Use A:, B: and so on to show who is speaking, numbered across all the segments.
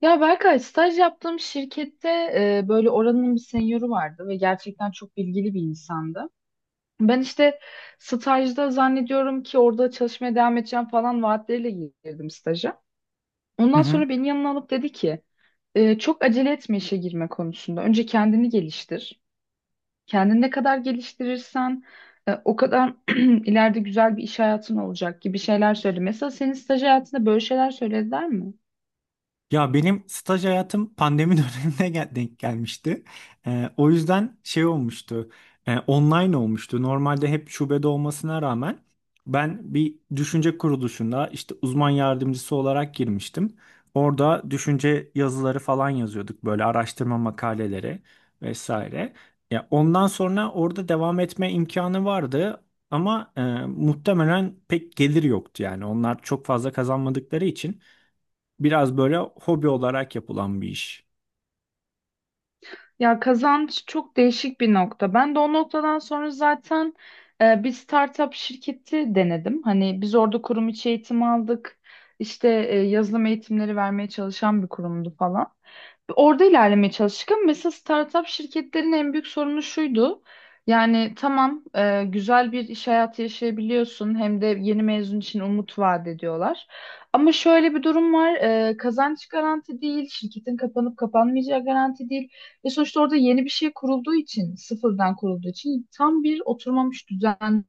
A: Ya Berkay, staj yaptığım şirkette böyle oranın bir senyörü vardı ve gerçekten çok bilgili bir insandı. Ben işte stajda zannediyorum ki orada çalışmaya devam edeceğim falan vaatleriyle girdim staja.
B: Hı
A: Ondan
B: hı.
A: sonra beni yanına alıp dedi ki çok acele etme işe girme konusunda. Önce kendini geliştir. Kendini ne kadar geliştirirsen o kadar ileride güzel bir iş hayatın olacak gibi şeyler söyledi. Mesela senin staj hayatında böyle şeyler söylediler mi?
B: Ya benim staj hayatım pandemi dönemine denk gelmişti. O yüzden şey olmuştu. Online olmuştu. Normalde hep şubede olmasına rağmen ben bir düşünce kuruluşunda işte uzman yardımcısı olarak girmiştim. Orada düşünce yazıları falan yazıyorduk, böyle araştırma makaleleri vesaire. Ya ondan sonra orada devam etme imkanı vardı ama muhtemelen pek gelir yoktu, yani onlar çok fazla kazanmadıkları için. Biraz böyle hobi olarak yapılan bir iş.
A: Ya kazanç çok değişik bir nokta. Ben de o noktadan sonra zaten bir startup şirketi denedim. Hani biz orada kurum içi eğitim aldık. İşte yazılım eğitimleri vermeye çalışan bir kurumdu falan. Orada ilerlemeye çalıştık ama mesela startup şirketlerin en büyük sorunu şuydu. Yani tamam, güzel bir iş hayatı yaşayabiliyorsun hem de yeni mezun için umut vaat ediyorlar. Ama şöyle bir durum var: kazanç garanti değil, şirketin kapanıp kapanmayacağı garanti değil. Ve sonuçta orada yeni bir şey kurulduğu için, sıfırdan kurulduğu için tam bir oturmamış düzen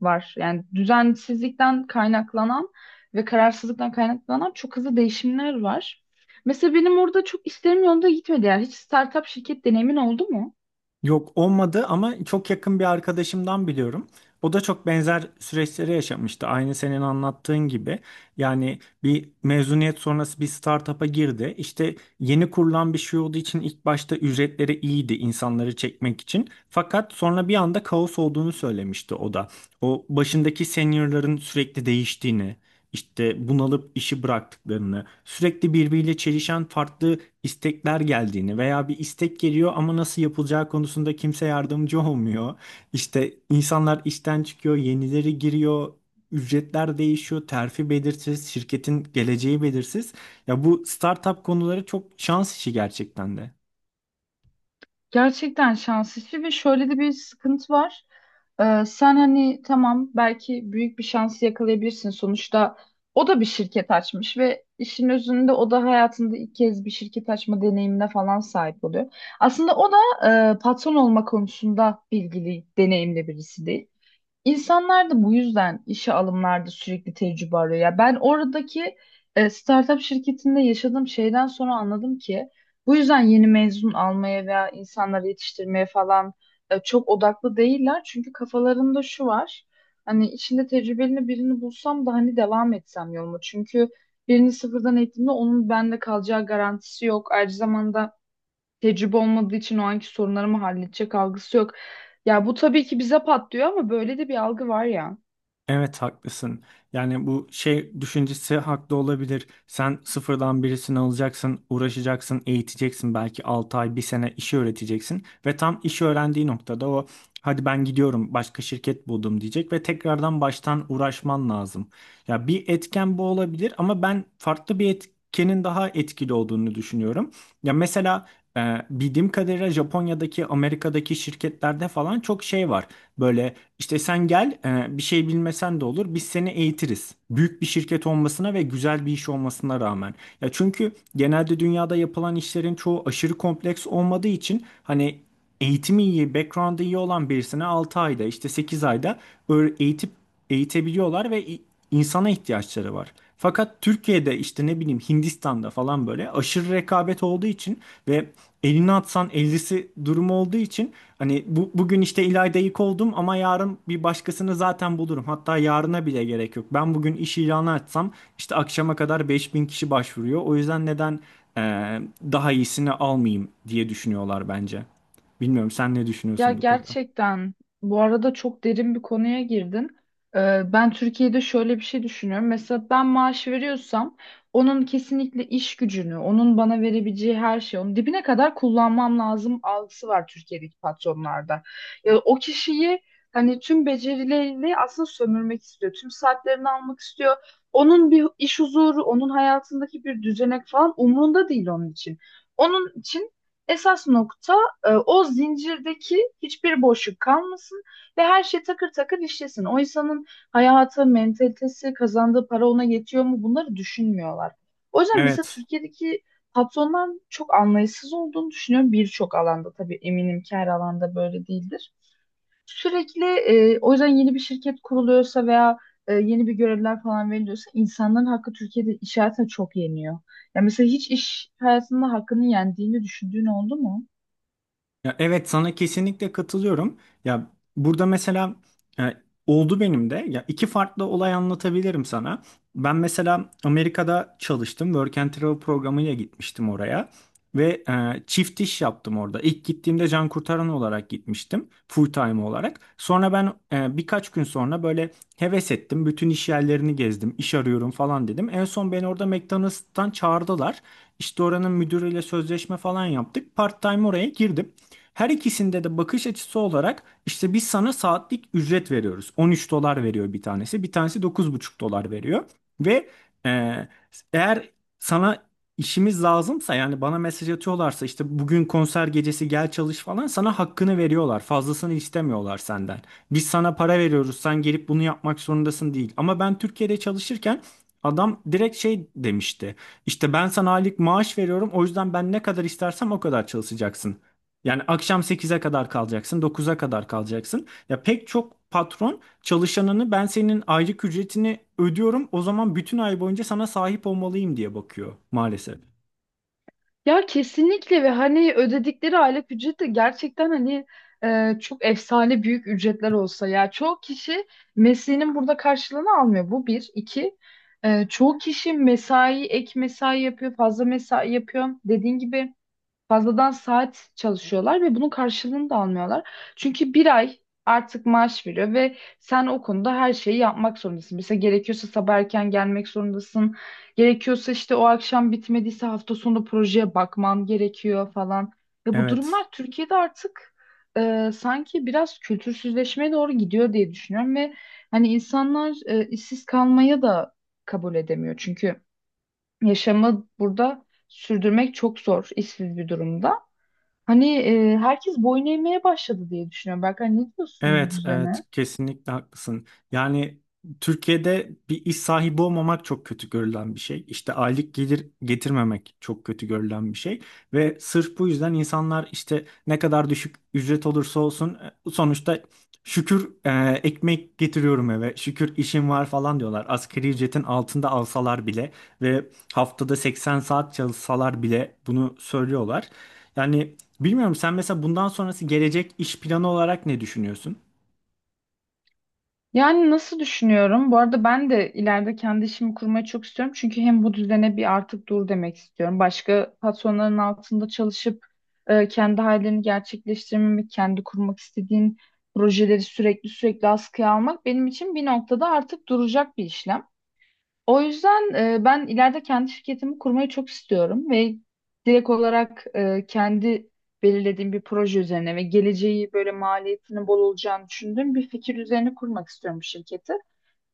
A: var. Yani düzensizlikten kaynaklanan ve kararsızlıktan kaynaklanan çok hızlı değişimler var. Mesela benim orada çok işlerim yolunda gitmedi. Yani hiç startup şirket deneyimin oldu mu?
B: Yok, olmadı ama çok yakın bir arkadaşımdan biliyorum. O da çok benzer süreçleri yaşamıştı. Aynı senin anlattığın gibi. Yani bir mezuniyet sonrası bir startup'a girdi. İşte yeni kurulan bir şey olduğu için ilk başta ücretleri iyiydi, insanları çekmek için. Fakat sonra bir anda kaos olduğunu söylemişti o da. O başındaki seniorların sürekli değiştiğini, işte bunalıp işi bıraktıklarını, sürekli birbiriyle çelişen farklı istekler geldiğini veya bir istek geliyor ama nasıl yapılacağı konusunda kimse yardımcı olmuyor. İşte insanlar işten çıkıyor, yenileri giriyor, ücretler değişiyor, terfi belirsiz, şirketin geleceği belirsiz. Ya bu startup konuları çok şans işi gerçekten de.
A: Gerçekten şans işi ve şöyle de bir sıkıntı var. Sen hani tamam, belki büyük bir şansı yakalayabilirsin. Sonuçta o da bir şirket açmış ve işin özünde o da hayatında ilk kez bir şirket açma deneyimine falan sahip oluyor. Aslında o da patron olma konusunda bilgili, deneyimli birisi değil. İnsanlar da bu yüzden işe alımlarda sürekli tecrübe arıyor. Ya ben oradaki startup şirketinde yaşadığım şeyden sonra anladım ki bu yüzden yeni mezun almaya veya insanları yetiştirmeye falan çok odaklı değiller. Çünkü kafalarında şu var. Hani içinde tecrübeli birini bulsam da hani devam etsem yoluma. Çünkü birini sıfırdan eğitimde onun bende kalacağı garantisi yok. Ayrıca zamanda tecrübe olmadığı için o anki sorunları mı halledecek algısı yok. Ya bu tabii ki bize patlıyor ama böyle de bir algı var ya.
B: Evet, haklısın. Yani bu şey düşüncesi haklı olabilir. Sen sıfırdan birisini alacaksın, uğraşacaksın, eğiteceksin. Belki 6 ay, bir sene işi öğreteceksin. Ve tam işi öğrendiği noktada o hadi ben gidiyorum, başka şirket buldum diyecek ve tekrardan baştan uğraşman lazım. Ya bir etken bu olabilir ama ben farklı bir etkenin daha etkili olduğunu düşünüyorum. Ya mesela bildiğim kadarıyla Japonya'daki, Amerika'daki şirketlerde falan çok şey var. Böyle işte sen gel, bir şey bilmesen de olur. Biz seni eğitiriz. Büyük bir şirket olmasına ve güzel bir iş olmasına rağmen. Ya çünkü genelde dünyada yapılan işlerin çoğu aşırı kompleks olmadığı için hani eğitimi iyi, background'ı iyi olan birisine 6 ayda, işte sekiz ayda eğitip eğitebiliyorlar ve insana ihtiyaçları var. Fakat Türkiye'de işte ne bileyim Hindistan'da falan böyle aşırı rekabet olduğu için ve elini atsan ellisi durumu olduğu için hani bu, bugün işte İlayda ilk oldum ama yarın bir başkasını zaten bulurum. Hatta yarına bile gerek yok. Ben bugün iş ilanı açsam işte akşama kadar 5000 kişi başvuruyor. O yüzden neden e, daha iyisini almayayım diye düşünüyorlar bence. Bilmiyorum, sen ne
A: Ya
B: düşünüyorsun bu konuda?
A: gerçekten bu arada çok derin bir konuya girdin. Ben Türkiye'de şöyle bir şey düşünüyorum. Mesela ben maaş veriyorsam onun kesinlikle iş gücünü, onun bana verebileceği her şeyi, onun dibine kadar kullanmam lazım algısı var Türkiye'deki patronlarda. Ya o kişiyi hani tüm becerileriyle aslında sömürmek istiyor. Tüm saatlerini almak istiyor. Onun bir iş huzuru, onun hayatındaki bir düzenek falan umurunda değil onun için. Onun için esas nokta o zincirdeki hiçbir boşluk kalmasın ve her şey takır takır işlesin. O insanın hayatı, mentalitesi, kazandığı para ona yetiyor mu bunları düşünmüyorlar. O yüzden mesela
B: Evet.
A: Türkiye'deki patronların çok anlayışsız olduğunu düşünüyorum birçok alanda. Tabii eminim ki her alanda böyle değildir. Sürekli o yüzden yeni bir şirket kuruluyorsa veya yeni bir görevler falan veriliyorsa insanların hakkı Türkiye'de iş hayatına çok yeniyor. Ya mesela hiç iş hayatında hakkını yendiğini düşündüğün oldu mu?
B: Ya evet, sana kesinlikle katılıyorum. Ya burada mesela e, oldu benim de. Ya iki farklı olay anlatabilirim sana. Ben mesela Amerika'da çalıştım. Work and Travel programıyla gitmiştim oraya. Ve çift iş yaptım orada. İlk gittiğimde can kurtaran olarak gitmiştim. Full time olarak. Sonra ben birkaç gün sonra böyle heves ettim. Bütün iş yerlerini gezdim. İş arıyorum falan dedim. En son beni orada McDonald's'tan çağırdılar. İşte oranın müdürüyle sözleşme falan yaptık. Part time oraya girdim. Her ikisinde de bakış açısı olarak işte biz sana saatlik ücret veriyoruz. 13 dolar veriyor bir tanesi. Bir tanesi dokuz buçuk dolar veriyor. Ve e, Eğer sana işimiz lazımsa, yani bana mesaj atıyorlarsa işte bugün konser gecesi gel çalış falan, sana hakkını veriyorlar. Fazlasını istemiyorlar senden. Biz sana para veriyoruz, sen gelip bunu yapmak zorundasın değil. Ama ben Türkiye'de çalışırken adam direkt şey demişti. İşte ben sana aylık maaş veriyorum, o yüzden ben ne kadar istersem o kadar çalışacaksın. Yani akşam sekize kadar kalacaksın, dokuza kadar kalacaksın. Ya pek çok patron çalışanını ben senin aylık ücretini ödüyorum, o zaman bütün ay boyunca sana sahip olmalıyım diye bakıyor maalesef.
A: Ya kesinlikle ve hani ödedikleri aylık ücret de gerçekten hani çok efsane büyük ücretler olsa ya çoğu kişi mesleğinin burada karşılığını almıyor. Bu bir. İki çoğu kişi mesai, ek mesai yapıyor, fazla mesai yapıyor. Dediğin gibi fazladan saat çalışıyorlar ve bunun karşılığını da almıyorlar. Çünkü bir ay artık maaş veriyor ve sen o konuda her şeyi yapmak zorundasın. Mesela gerekiyorsa sabah erken gelmek zorundasın. Gerekiyorsa işte o akşam bitmediyse hafta sonu projeye bakman gerekiyor falan. Ve bu
B: Evet.
A: durumlar Türkiye'de artık sanki biraz kültürsüzleşmeye doğru gidiyor diye düşünüyorum ve hani insanlar işsiz kalmaya da kabul edemiyor. Çünkü yaşamı burada sürdürmek çok zor, işsiz bir durumda. Hani herkes boyun eğmeye başladı diye düşünüyorum. Berkay, ne diyorsun bu
B: Evet, evet,
A: düzene?
B: kesinlikle haklısın. Yani Türkiye'de bir iş sahibi olmamak çok kötü görülen bir şey. İşte aylık gelir getirmemek çok kötü görülen bir şey. Ve sırf bu yüzden insanlar işte ne kadar düşük ücret olursa olsun, sonuçta şükür, ekmek getiriyorum eve, şükür işim var falan diyorlar. Asgari ücretin altında alsalar bile ve haftada 80 saat çalışsalar bile bunu söylüyorlar. Yani bilmiyorum, sen mesela bundan sonrası gelecek iş planı olarak ne düşünüyorsun?
A: Yani nasıl düşünüyorum? Bu arada ben de ileride kendi işimi kurmayı çok istiyorum. Çünkü hem bu düzene bir artık dur demek istiyorum. Başka patronların altında çalışıp kendi hayallerini gerçekleştirmemek, kendi kurmak istediğin projeleri sürekli askıya almak benim için bir noktada artık duracak bir işlem. O yüzden ben ileride kendi şirketimi kurmayı çok istiyorum ve direkt olarak kendi belirlediğim bir proje üzerine ve geleceği böyle maliyetinin bol olacağını düşündüğüm bir fikir üzerine kurmak istiyorum bu şirketi.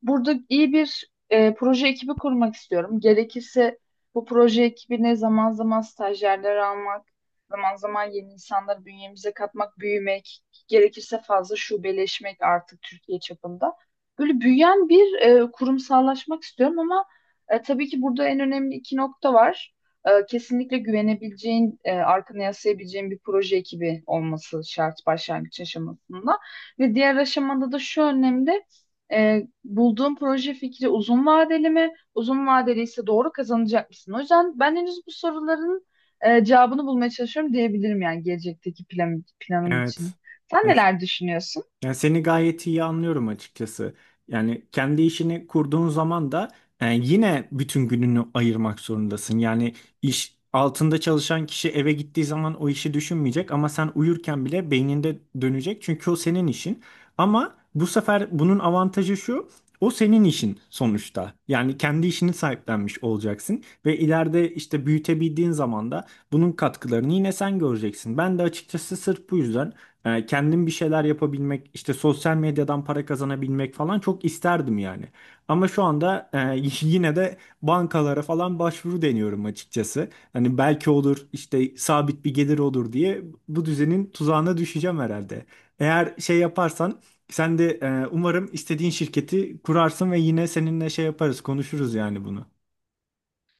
A: Burada iyi bir proje ekibi kurmak istiyorum. Gerekirse bu proje ekibine zaman zaman stajyerler almak, zaman zaman yeni insanları bünyemize katmak, büyümek, gerekirse fazla şubeleşmek artık Türkiye çapında. Böyle büyüyen bir kurumsallaşmak istiyorum ama tabii ki burada en önemli iki nokta var. Kesinlikle güvenebileceğin, arkana yaslayabileceğin bir proje ekibi olması şart başlangıç aşamasında. Ve diğer aşamada da şu önemli. Bulduğun proje fikri uzun vadeli mi? Uzun vadeli ise doğru kazanacak mısın? O yüzden ben henüz bu soruların cevabını bulmaya çalışıyorum diyebilirim yani gelecekteki planım
B: Evet.
A: için. Sen neler düşünüyorsun?
B: Yani seni gayet iyi anlıyorum açıkçası. Yani kendi işini kurduğun zaman da yine bütün gününü ayırmak zorundasın. Yani iş altında çalışan kişi eve gittiği zaman o işi düşünmeyecek ama sen uyurken bile beyninde dönecek. Çünkü o senin işin. Ama bu sefer bunun avantajı şu. O senin işin sonuçta. Yani kendi işini sahiplenmiş olacaksın ve ileride işte büyütebildiğin zaman da bunun katkılarını yine sen göreceksin. Ben de açıkçası sırf bu yüzden kendim bir şeyler yapabilmek, işte sosyal medyadan para kazanabilmek falan çok isterdim yani. Ama şu anda yine de bankalara falan başvuru deniyorum açıkçası. Hani belki olur, işte sabit bir gelir olur diye bu düzenin tuzağına düşeceğim herhalde. Eğer şey yaparsan sen de umarım istediğin şirketi kurarsın ve yine seninle şey yaparız, konuşuruz yani bunu.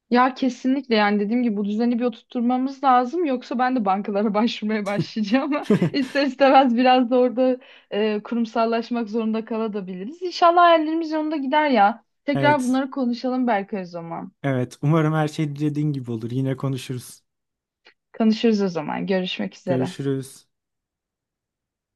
A: Ya kesinlikle, yani dediğim gibi bu düzeni bir oturtmamız lazım yoksa ben de bankalara başvurmaya başlayacağım. İster istemez biraz da orada kurumsallaşmak zorunda kalabiliriz. İnşallah hayallerimiz yolunda gider ya. Tekrar
B: Evet,
A: bunları konuşalım belki o zaman.
B: evet. Umarım her şey dediğin gibi olur. Yine konuşuruz.
A: Konuşuruz o zaman. Görüşmek üzere.
B: Görüşürüz.